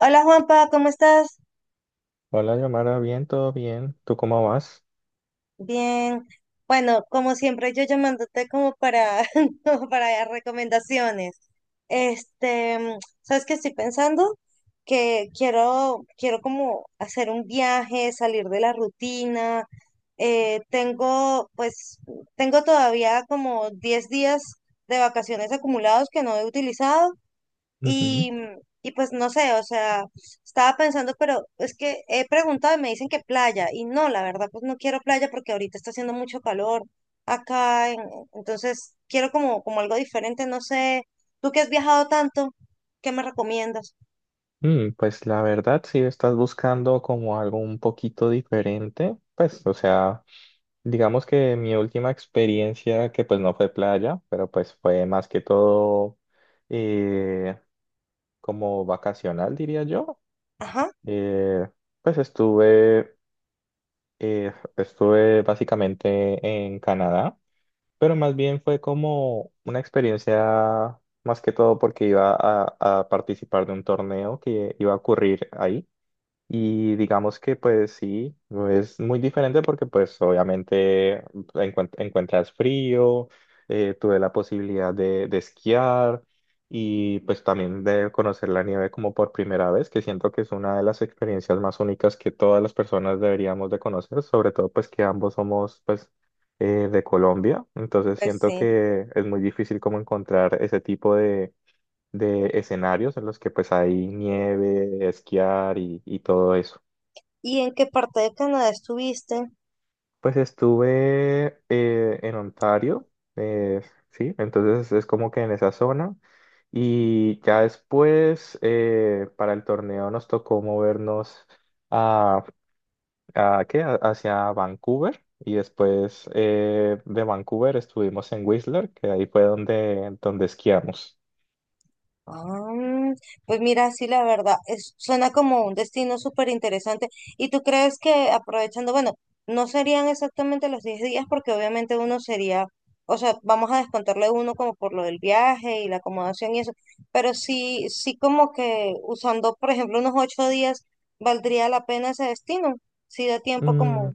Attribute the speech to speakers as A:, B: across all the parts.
A: Hola Juanpa, ¿cómo estás?
B: Hola, Yomara, bien, todo bien. ¿Tú cómo vas?
A: Bien. Bueno, como siempre, yo llamándote como para, como para recomendaciones. ¿Sabes qué estoy pensando? Que quiero como hacer un viaje, salir de la rutina. Tengo, pues, tengo todavía como 10 días de vacaciones acumulados que no he utilizado.
B: Ujú.
A: Y, y pues no sé, o sea, estaba pensando, pero es que he preguntado y me dicen que playa. Y no, la verdad, pues no quiero playa porque ahorita está haciendo mucho calor acá. Entonces quiero como, como algo diferente, no sé. Tú que has viajado tanto, ¿qué me recomiendas?
B: Pues la verdad, si estás buscando como algo un poquito diferente, pues, o sea, digamos que mi última experiencia, que pues no fue playa, pero pues fue más que todo eh, como vacacional, diría yo.
A: Ajá,
B: Eh, pues estuve, eh, estuve básicamente en Canadá. Pero más bien fue como una experiencia más que todo porque iba a participar de un torneo que iba a ocurrir ahí. Y digamos que pues sí, es muy diferente porque pues obviamente encuentras frío, tuve la posibilidad de esquiar y pues también de conocer la nieve como por primera vez, que siento que es una de las experiencias más únicas que todas las personas deberíamos de conocer, sobre todo pues que ambos somos pues de Colombia, entonces
A: pues
B: siento
A: sí.
B: que es muy difícil como encontrar ese tipo de escenarios en los que pues hay nieve, esquiar y todo eso.
A: ¿Y en qué parte de Canadá estuviste?
B: Pues estuve en Ontario, eh, sí, entonces es como que en esa zona. Y ya después, para el torneo nos tocó movernos a, hacia Vancouver. Y después de Vancouver estuvimos en Whistler, que ahí fue donde esquiamos.
A: Ah, pues mira, sí, la verdad, es, suena como un destino súper interesante. ¿Y tú crees que aprovechando, bueno, no serían exactamente los 10 días porque obviamente uno sería, o sea, vamos a descontarle uno como por lo del viaje y la acomodación y eso, pero sí, sí como que usando, por ejemplo, unos 8 días, valdría la pena ese destino, si da tiempo
B: Mm,
A: como...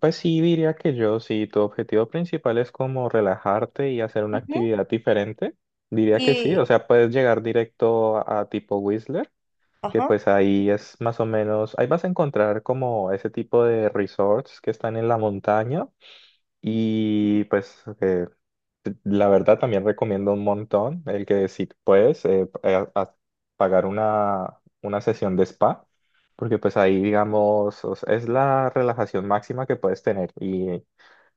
B: Pues sí, diría que yo, si tu objetivo principal es como relajarte y hacer una
A: Ujú.
B: actividad diferente, diría que sí. O
A: Y,
B: sea, puedes llegar directo a tipo Whistler, que
A: ajá,
B: pues ahí es más o menos, ahí vas a encontrar como ese tipo de resorts que están en la montaña y pues la verdad también recomiendo un montón el que si puedes a- a- pagar una sesión de spa. Porque pues ahí, digamos, o sea, es la relajación máxima que puedes tener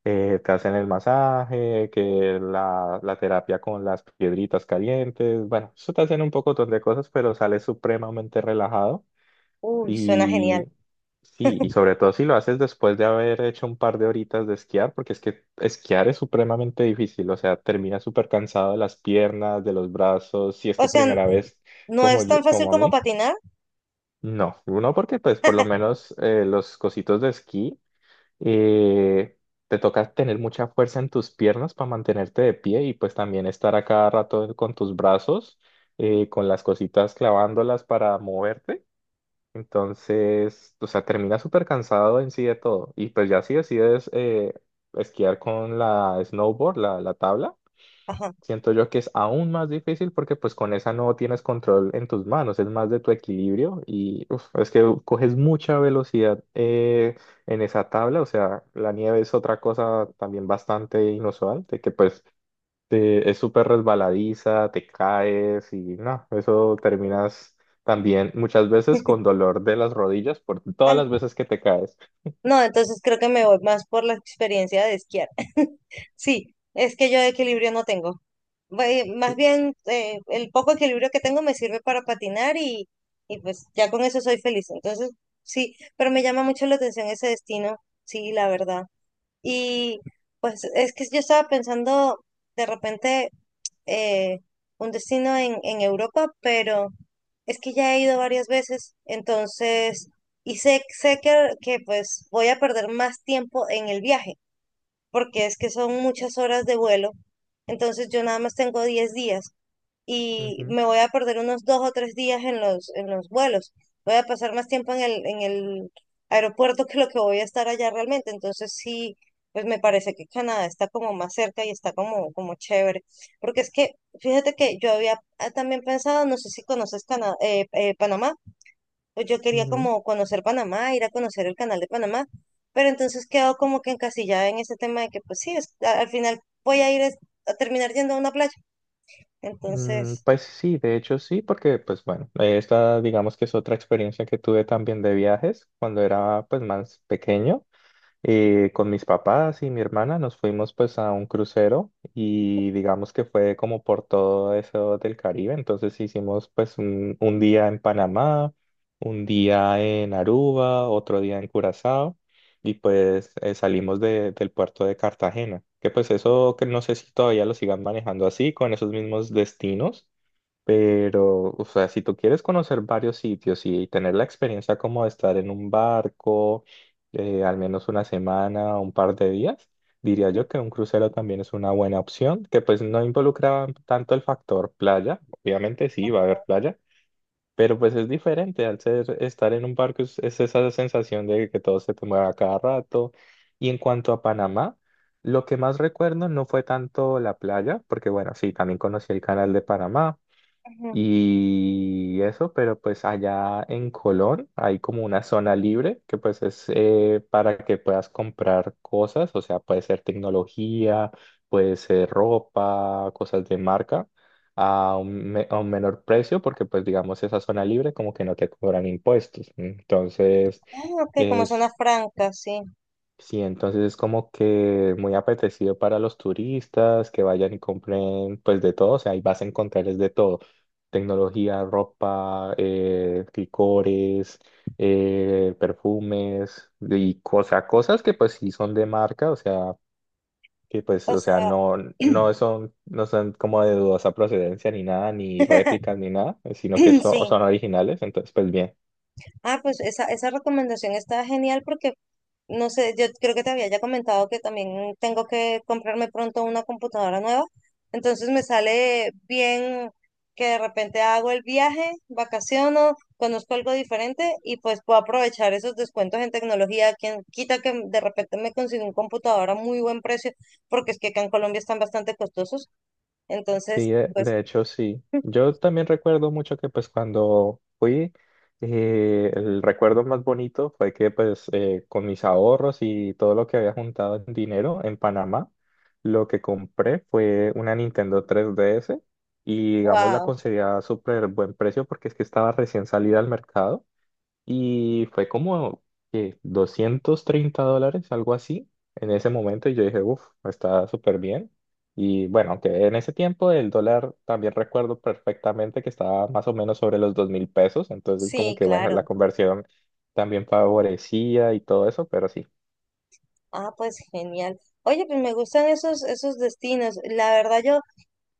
B: te hacen el masaje, que la terapia con las piedritas calientes, bueno, eso te hacen un poco de cosas, pero sales supremamente relajado
A: uy, suena genial.
B: y sí, y sobre todo si lo haces después de haber hecho un par de horitas de esquiar, porque es que esquiar es supremamente difícil, o sea, terminas súper cansado de las piernas, de los brazos, si es
A: O
B: tu
A: sea,
B: primera vez
A: no es tan fácil
B: como a
A: como
B: mí.
A: patinar,
B: No, uno porque pues por lo menos los cositos de esquí eh, te toca tener mucha fuerza en tus piernas para mantenerte de pie y pues también estar a cada rato con tus brazos, con las cositas clavándolas para moverte. Entonces, o sea, terminas súper cansado en sí de todo. Y pues ya si decides esquiar con la snowboard, la tabla.
A: ajá.
B: Siento yo que es aún más difícil porque pues con esa no tienes control en tus manos, es más de tu equilibrio y uf, es que coges mucha velocidad en esa tabla, o sea, la nieve es otra cosa también bastante inusual, de que pues es súper resbaladiza, te caes y no, eso terminas también muchas veces con dolor de las rodillas por todas las veces que te caes.
A: No, entonces creo que me voy más por la experiencia de esquiar. Sí, es que yo de equilibrio no tengo. Más
B: Sí.
A: bien, el poco equilibrio que tengo me sirve para patinar y pues ya con eso soy feliz. Entonces, sí, pero me llama mucho la atención ese destino, sí, la verdad. Y pues es que yo estaba pensando de repente eh, un destino en Europa, pero es que ya he ido varias veces, entonces, y sé, sé que pues voy a perder más tiempo en el viaje, porque es que son muchas horas de vuelo, entonces yo nada más tengo 10 días y
B: Ujú,
A: me voy a perder unos dos o tres días en los vuelos. Voy a pasar más tiempo en el aeropuerto que lo que voy a estar allá realmente. Entonces sí, pues me parece que Canadá está como más cerca y está como, como chévere. Porque es que, fíjate que yo había ah, también pensado, no sé si conoces Panamá, pues yo quería
B: ujú.
A: como conocer Panamá, ir a conocer el canal de Panamá. Pero entonces quedo como que encasillada en ese tema de que, pues sí, al final voy a ir es- a terminar yendo a una playa. Entonces,
B: Pues sí, de hecho sí, porque pues bueno, esta digamos que es otra experiencia que tuve también de viajes cuando era pues más pequeño. Y con mis papás y mi hermana nos fuimos pues a un crucero y digamos que fue como por todo eso del Caribe. Entonces hicimos pues un día en Panamá, un día en Aruba, otro día en Curazao y pues salimos del puerto de Cartagena. Que pues eso que no sé si todavía lo sigan manejando así, con esos mismos destinos. Pero, o sea, si tú quieres conocer varios sitios y tener la experiencia como de estar en un barco, al menos una semana o un par de días, diría yo que un crucero también es una buena opción, que pues no involucra tanto el factor playa, obviamente sí va a haber playa, pero pues es diferente al ser estar en un barco, es esa sensación de que todo se te mueve a cada rato. Y en cuanto a Panamá, lo que más recuerdo no fue tanto la playa, porque bueno, sí, también conocí el canal de Panamá
A: ujú.
B: y eso, pero pues allá en Colón hay como una zona libre que pues es para que puedas comprar cosas, o sea, puede ser tecnología, puede ser ropa, cosas de marca a a un menor precio porque pues digamos esa zona libre como que no te cobran impuestos. Entonces...
A: Ah, ok, como zonas francas, sí.
B: Sí, entonces es como que muy apetecido para los turistas que vayan y compren pues de todo, o sea, ahí vas a encontrar es de todo, tecnología, ropa, licores, perfumes y cosas que pues sí son de marca, o sea, que pues,
A: O
B: o sea,
A: sea,
B: no, no son como de dudosa procedencia ni nada, ni réplicas ni nada, sino que son,
A: sí.
B: son originales, entonces pues bien.
A: Ah, pues esa recomendación está genial porque, no sé, yo creo que te había ya comentado que también tengo que comprarme pronto una computadora nueva. Entonces me sale bien que de repente hago el viaje, vacaciono, conozco algo diferente y pues puedo aprovechar esos descuentos en tecnología. Quien quita que de repente me consiga un computador a muy buen precio, porque es que acá en Colombia están bastante costosos.
B: Sí,
A: Entonces,
B: de,
A: pues,
B: de hecho sí. Yo también recuerdo mucho que pues cuando fui, el recuerdo más bonito fue que pues con mis ahorros y todo lo que había juntado en dinero en Panamá, lo que compré fue una Nintendo 3DS y digamos la
A: wow.
B: conseguí a súper buen precio porque es que estaba recién salida al mercado. Y fue como que $230, algo así, en ese momento. Y yo dije, uff, está súper bien. Y bueno, aunque en ese tiempo el dólar también recuerdo perfectamente que estaba más o menos sobre los 2.000 pesos. Entonces, como
A: Sí,
B: que bueno, la
A: claro.
B: conversión también favorecía y todo eso, pero sí.
A: Ah, pues genial. Oye, pues me gustan esos, esos destinos. La verdad, yo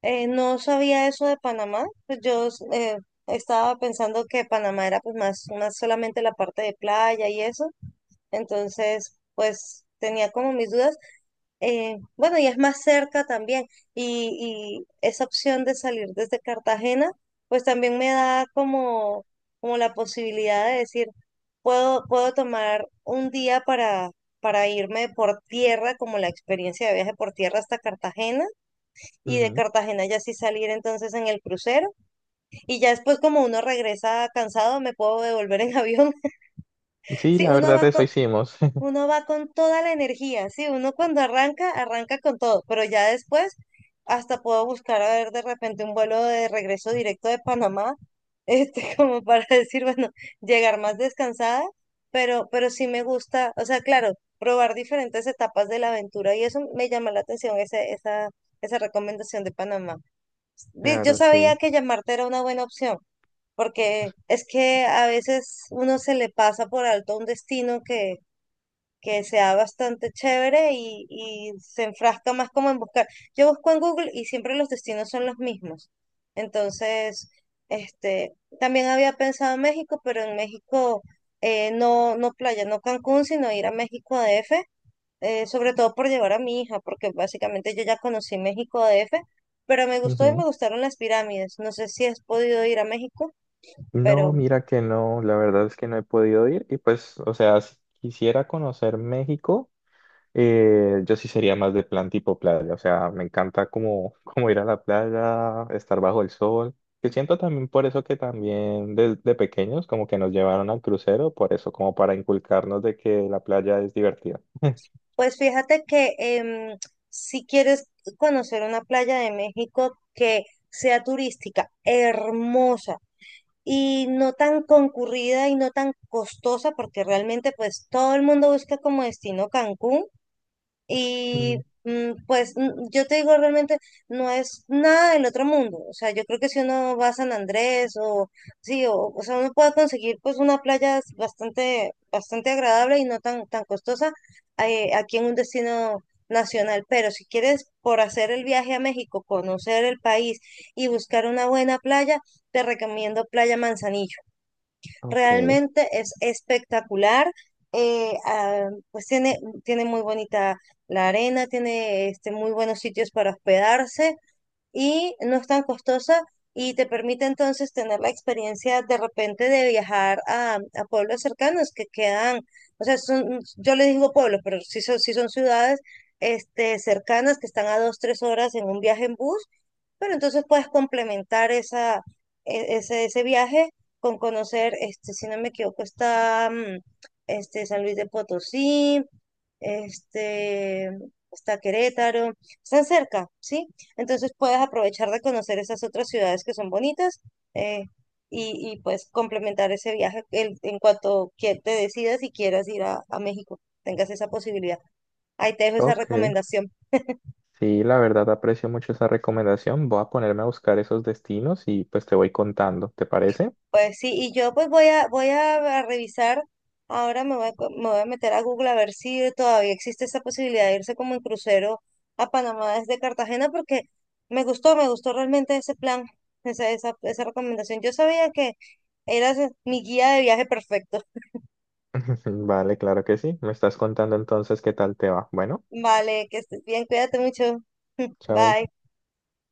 A: no sabía eso de Panamá. Pues yo estaba pensando que Panamá era pues más, más solamente la parte de playa y eso. Entonces, pues tenía como mis dudas. Bueno, y es más cerca también. Y esa opción de salir desde Cartagena, pues también me da como, como la posibilidad de decir, puedo, puedo tomar un día para irme por tierra, como la experiencia de viaje por tierra hasta Cartagena, y de
B: Ujú.
A: Cartagena ya sí salir entonces en el crucero. Y ya después, como uno regresa cansado, me puedo devolver en avión.
B: Sí,
A: Sí,
B: la verdad, eso hicimos.
A: uno va con toda la energía, sí, uno cuando arranca, arranca con todo, pero ya después hasta puedo buscar a ver de repente un vuelo de regreso directo de Panamá, como para decir, bueno, llegar más descansada, pero sí me gusta, o sea, claro, probar diferentes etapas de la aventura y eso me llama la atención, ese, esa recomendación de Panamá. Yo
B: Claro,
A: sabía
B: sí.
A: que llamarte era una buena opción. Porque es que a veces uno se le pasa por alto un destino que sea bastante chévere y se enfrasca más como en buscar. Yo busco en Google y siempre los destinos son los mismos. Entonces, este, también había pensado en México, pero en México no, no playa, no Cancún, sino ir a México DF, sobre todo por llevar a mi hija, porque básicamente yo ya conocí México DF, pero me gustó y me
B: Ujú.
A: gustaron las pirámides. No sé si has podido ir a México,
B: No,
A: pero
B: mira que no, la verdad es que no he podido ir. Y pues, o sea, si quisiera conocer México. Yo sí sería más de plan tipo playa, o sea, me encanta como, como ir a la playa, estar bajo el sol, que siento también por eso que también desde pequeños como que nos llevaron al crucero, por eso como para inculcarnos de que la playa es divertida.
A: pues fíjate que si quieres conocer una playa de México que sea turística, hermosa y no tan concurrida y no tan costosa, porque realmente pues todo el mundo busca como destino Cancún. Y
B: Mm,
A: yo te digo realmente, no es nada del otro mundo. O sea, yo creo que si uno va a San Andrés o sí, o sea, uno puede conseguir pues una playa bastante, bastante agradable y no tan, tan costosa aquí en un destino nacional. Pero si quieres por hacer el viaje a México, conocer el país y buscar una buena playa, te recomiendo Playa Manzanillo.
B: ok,
A: Realmente es espectacular. Pues tiene, tiene muy bonita la arena, tiene este, muy buenos sitios para hospedarse y no es tan costosa y te permite entonces tener la experiencia de repente de viajar a pueblos cercanos que quedan, o sea, son, yo les digo pueblos, pero sí son ciudades este, cercanas que están a dos, tres horas en un viaje en bus, pero entonces puedes complementar esa, ese, ese viaje con conocer, este, si no me equivoco, está este, San Luis de Potosí, este, está Querétaro, están cerca, ¿sí? Entonces puedes aprovechar de conocer esas otras ciudades que son bonitas eh, y pues complementar ese viaje en cuanto que te decidas y quieras ir a México, tengas esa posibilidad. Ahí te dejo esa
B: ok,
A: recomendación.
B: sí, la verdad aprecio mucho esa recomendación, voy a ponerme a buscar esos destinos y pues te voy contando, ¿te parece?
A: Pues sí, y yo pues voy a, voy a revisar, ahora me voy a, me voy a meter a Google a ver si todavía existe esa posibilidad de irse como en crucero a Panamá desde Cartagena, porque me gustó realmente ese plan, esa recomendación. Yo sabía que eras mi guía de viaje perfecto.
B: Vale, claro que sí, me estás contando entonces qué tal te va. Bueno,
A: Vale, que estés bien, cuídate mucho.
B: chao.
A: Bye.